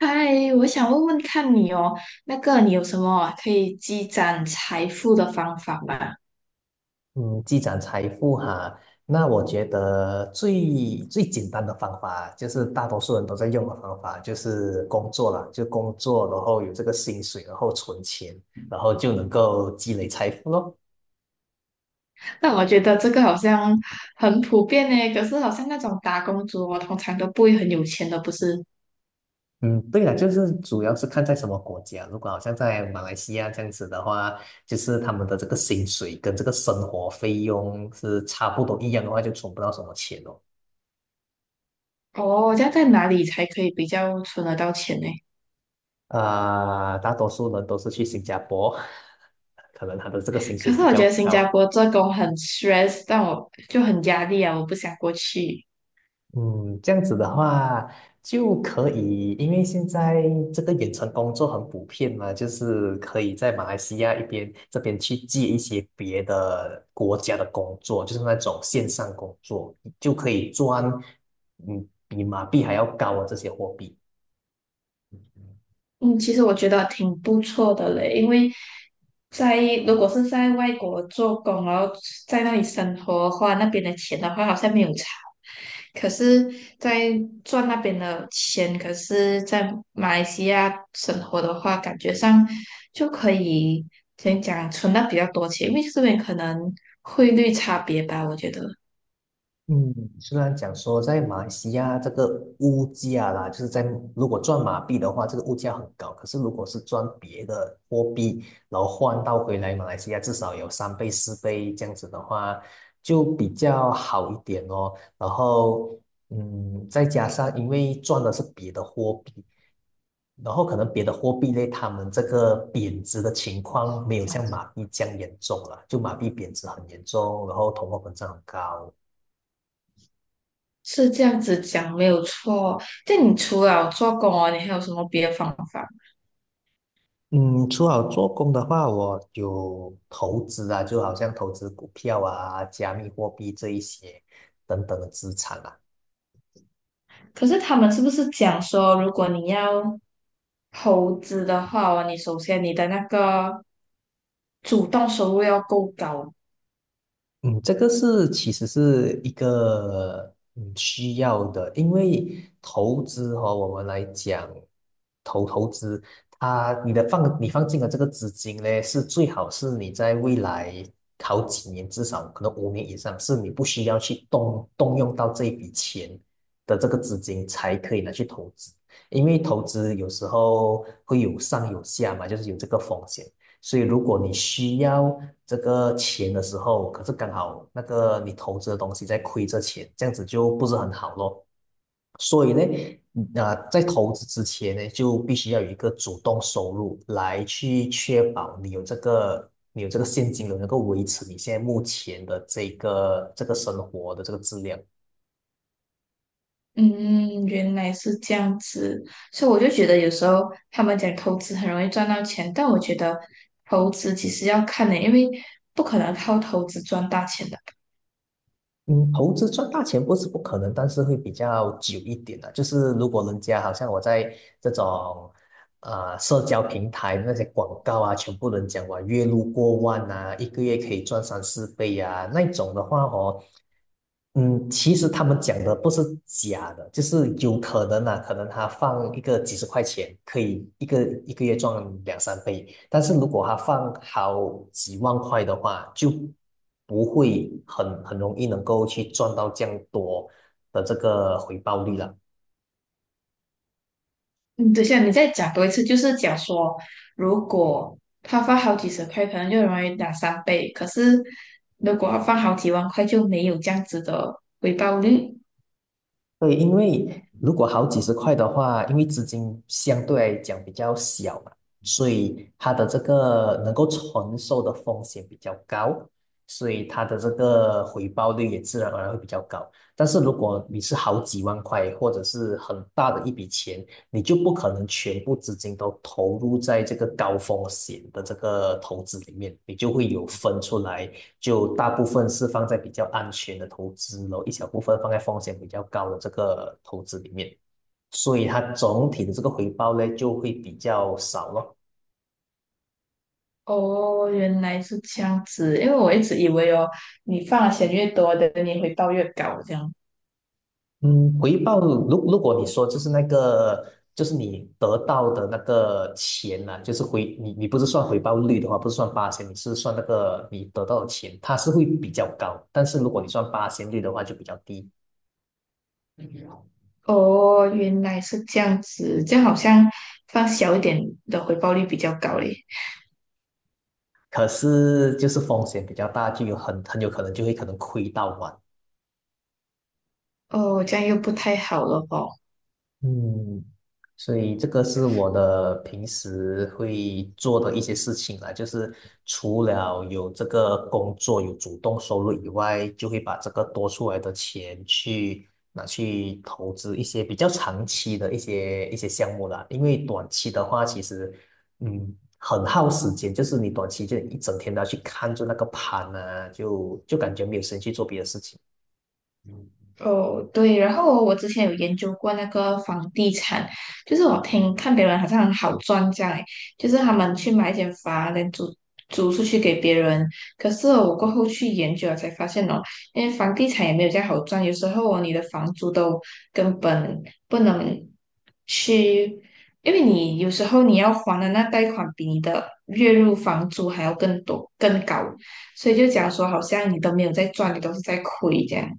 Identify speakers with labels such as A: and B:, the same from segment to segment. A: 嗨，我想问问看你哦，那个你有什么可以积攒财富的方法吗？
B: 嗯，积攒财富哈，那我觉得最简单的方法，就是大多数人都在用的方法，就是工作啦，就工作，然后有这个薪水，然后存钱，然后就能够积累财富咯。
A: 那我觉得这个好像很普遍呢，可是好像那种打工族哦，通常都不会很有钱的，不是？
B: 嗯，对了，就是主要是看在什么国家，如果好像在马来西亚这样子的话，就是他们的这个薪水跟这个生活费用是差不多一样的话，就存不到什么钱哦。
A: 哦，这样在哪里才可以比较存得到钱呢？
B: 啊、大多数人都是去新加坡，可能他的这个薪
A: 可
B: 水
A: 是
B: 比
A: 我
B: 较
A: 觉得新加
B: 高。
A: 坡做工很 stress，但我就很压力啊，我不想过去。
B: 嗯，这样子的话就可以，因为现在这个远程工作很普遍嘛，就是可以在马来西亚一边这边去接一些别的国家的工作，就是那种线上工作，就可以赚比马币还要高的这些货币。
A: 嗯，其实我觉得挺不错的嘞，因为在如果是在外国做工，然后在那里生活的话，那边的钱的话，好像没有差。可是，在赚那边的钱，可是在马来西亚生活的话，感觉上就可以怎样讲啊存到比较多钱，因为这边可能汇率差别吧，我觉得
B: 嗯，虽然讲说在马来西亚这个物价啦，就是在如果赚马币的话，这个物价很高。可是如果是赚别的货币，然后换到回来马来西亚，至少有三倍、四倍这样子的话，就比较好一点哦。然后，再加上因为赚的是别的货币，然后可能别的货币类，他们这个贬值的情况没有像马币这样严重了，就马币贬值很严重，然后通货膨胀很高。
A: 是这样子讲没有错。这样你除了做工哦，你还有什么别的方法？
B: 嗯，除好做工的话，我有投资啊，就好像投资股票啊、加密货币这一些等等的资产啊。
A: 可是他们是不是讲说，如果你要投资的话哦你首先你的那个主动收入要够高。
B: 嗯，这个是其实是一个需要的，因为投资哦，我们来讲投资，它你的放你放进的这个资金呢，是最好是你在未来好几年，至少可能五年以上，是你不需要去动用到这一笔钱的这个资金才可以拿去投资，因为投资有时候会有上有下嘛，就是有这个风险。所以如果你需要这个钱的时候，可是刚好那个你投资的东西在亏着钱，这样子就不是很好咯。所以呢，在投资之前呢，就必须要有一个主动收入来去确保你有这个现金流，能够维持你现在目前的这个生活的这个质量。
A: 嗯，原来是这样子，所以我就觉得有时候他们讲投资很容易赚到钱，但我觉得投资其实要看的，因为不可能靠投资赚大钱的。
B: 嗯，投资赚大钱不是不可能，但是会比较久一点的。就是如果人家好像我在这种社交平台那些广告啊，全部人讲哇月入过万啊，一个月可以赚三四倍啊，那种的话哦，其实他们讲的不是假的，就是有可能啊，可能他放一个几十块钱，可以一个月赚两三倍，但是如果他放好几万块的话，就不会很容易能够去赚到这样多的这个回报率了。
A: 嗯，等一下，你再讲多一次，就是讲说，如果他放好几十块，可能就容易两三倍；可是如果他放好几万块，就没有这样子的回报率。
B: 对，因为如果好几十块的话，因为资金相对来讲比较小嘛，所以它的这个能够承受的风险比较高，所以它的这个回报率也自然而然会比较高。但是如果你是好几万块，或者是很大的一笔钱，你就不可能全部资金都投入在这个高风险的这个投资里面，你就会有分出来就大部分是放在比较安全的投资，然后一小部分放在风险比较高的这个投资里面，所以它总体的这个回报呢就会比较少咯。
A: 哦，原来是这样子，因为我一直以为哦，你放的钱越多的，你回报越高这样。
B: 嗯，回报如果你说就是那个就是你得到的那个钱呢、就是你不是算回报率的话，不是算八千，你是算那个你得到的钱，它是会比较高。但是如果你算八千率的话，就比较低。
A: 哦，原来是这样子，这样好像放小一点的回报率比较高嘞。
B: 可是就是风险比较大，就有很有可能就会可能亏到完。
A: 哦，这样又不太好了哦。
B: 嗯，所以这个是我的平时会做的一些事情啦，就是除了有这个工作有主动收入以外，就会把这个多出来的钱去拿去投资一些比较长期的一些项目啦。因为短期的话，其实很耗时间，就是你短期就一整天都要去看着那个盘啊，就感觉没有时间去做别的事情。
A: 哦，对，然后我之前有研究过那个房地产，就是我听看别人好像很好赚这样，诶，就是他们去买一间房，然后租出去给别人。可是我过后去研究了才发现哦，因为房地产也没有这样好赚，有时候哦，你的房租都根本不能去，因为你有时候你要还的那贷款比你的月入房租还要更多更高，所以就讲说好像你都没有在赚，你都是在亏这样。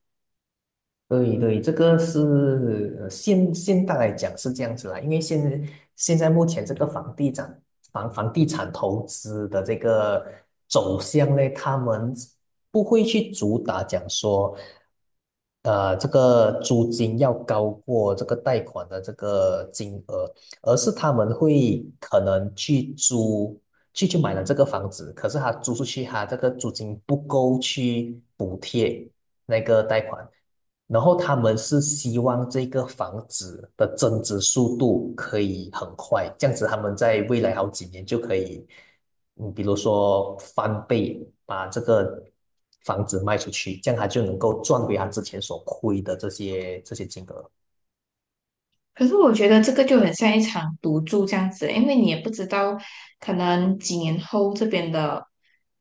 B: 对对，这个是现代来讲是这样子啦，因为现在目前这个房地产房地产投资的这个走向呢，他们不会去主打讲说，这个租金要高过这个贷款的这个金额，而是他们会可能去租去去买了这个房子，可是他租出去，他这个租金不够去补贴那个贷款。然后他们是希望这个房子的增值速度可以很快，这样子他们在未来好几年就可以，比如说翻倍把这个房子卖出去，这样他就能够赚回他之前所亏的这些金额。
A: 可是我觉得这个就很像一场赌注这样子，因为你也不知道可能几年后这边的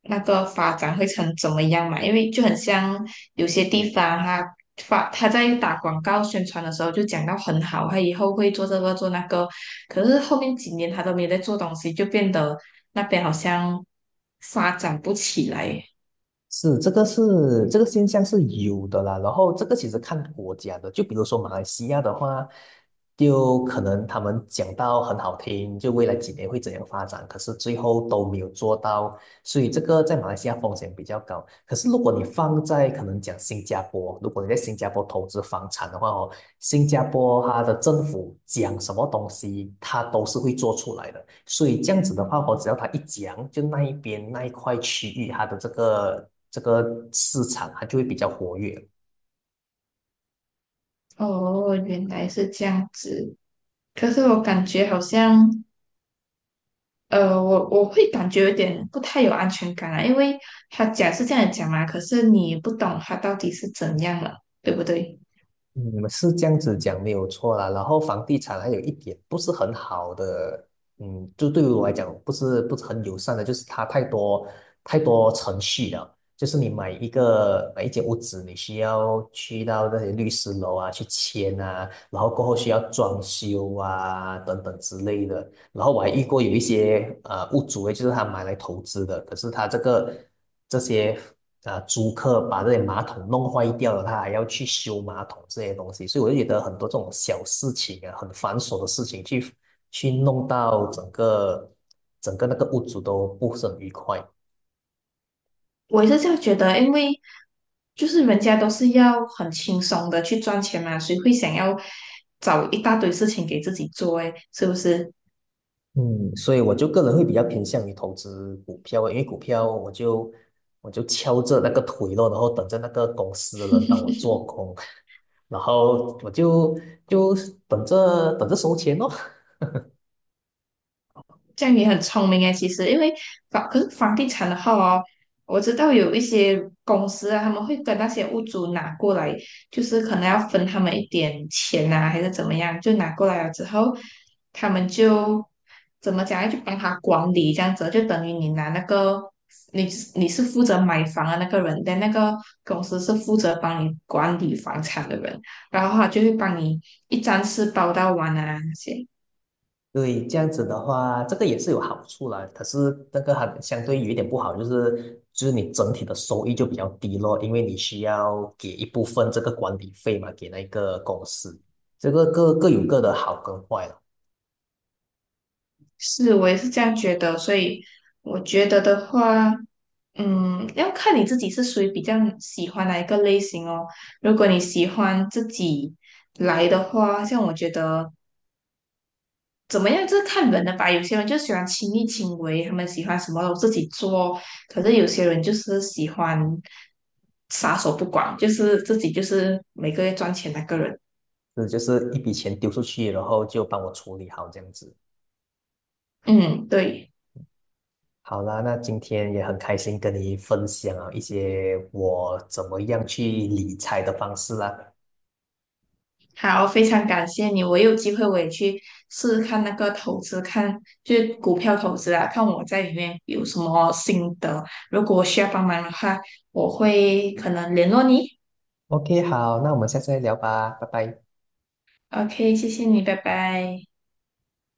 A: 那个发展会成怎么样嘛，因为就很像有些地方它发它在打广告宣传的时候就讲到很好，它以后会做这个做那个，可是后面几年它都没有在做东西，就变得那边好像发展不起来。
B: 是，这个是这个现象是有的啦。然后这个其实看国家的，就比如说马来西亚的话，就可能他们讲到很好听，就未来几年会怎样发展，可是最后都没有做到。所以这个在马来西亚风险比较高。可是如果你放在可能讲新加坡，如果你在新加坡投资房产的话哦，新加坡它的政府讲什么东西，它都是会做出来的。所以这样子的话我只要它一讲，就那一块区域它的这个市场，它就会比较活跃。
A: 哦，原来是这样子。可是我感觉好像。我会感觉有点不太有安全感啊，因为他讲是这样讲嘛，可是你不懂他到底是怎样了，对不对？
B: 嗯，是这样子讲没有错啦。然后房地产还有一点不是很好的，就对于我来讲不是很友善的，就是它太多太多程序了。就是你买一间屋子，你需要去到那些律师楼啊去签啊，然后过后需要装修啊等等之类的。然后我还遇过有一些屋主诶，就是他买来投资的，可是他这些租客把这些马桶弄坏掉了，他还要去修马桶这些东西，所以我就觉得很多这种小事情啊，很繁琐的事情去弄到整个那个屋主都不是很愉快。
A: 我也是这样觉得，因为就是人家都是要很轻松的去赚钱嘛，谁会想要找一大堆事情给自己做诶，是不是？
B: 嗯，所以我就个人会比较偏向于投资股票，因为股票我就敲着那个腿咯，然后等着那个公司的人帮我做工，然后我就等着等着收钱咯。
A: 这样也很聪明诶，其实因为房可是房地产的话哦，我知道有一些公司啊，他们会跟那些屋主拿过来，就是可能要分他们一点钱啊，还是怎么样，就拿过来了之后，他们就怎么讲，要去帮他管理这样子，就等于你拿那个你你是负责买房的那个人，但那个公司是负责帮你管理房产的人，然后他就会帮你一站式包到完啊那些。
B: 对，这样子的话，这个也是有好处啦。可是那个还相对有一点不好，就是你整体的收益就比较低咯，因为你需要给一部分这个管理费嘛，给那个公司。这个各有各的好跟坏了，
A: 是，我也是这样觉得，所以我觉得的话，嗯，要看你自己是属于比较喜欢哪一个类型哦。如果你喜欢自己来的话，像我觉得怎么样，就是看人的吧。有些人就喜欢亲力亲为，他们喜欢什么都自己做；可是有些人就是喜欢撒手不管，就是自己就是每个月赚钱那个人。
B: 这就是一笔钱丢出去，然后就帮我处理好这样子。
A: 嗯，对。
B: 好啦，那今天也很开心跟你分享啊一些我怎么样去理财的方式啦。
A: 好，非常感谢你，我有机会我也去试试看那个投资，看就是股票投资啊，看我在里面有什么心得。如果需要帮忙的话，我会可能联络你。
B: OK，好，那我们下次再聊吧，拜拜。
A: OK，谢谢你，拜拜。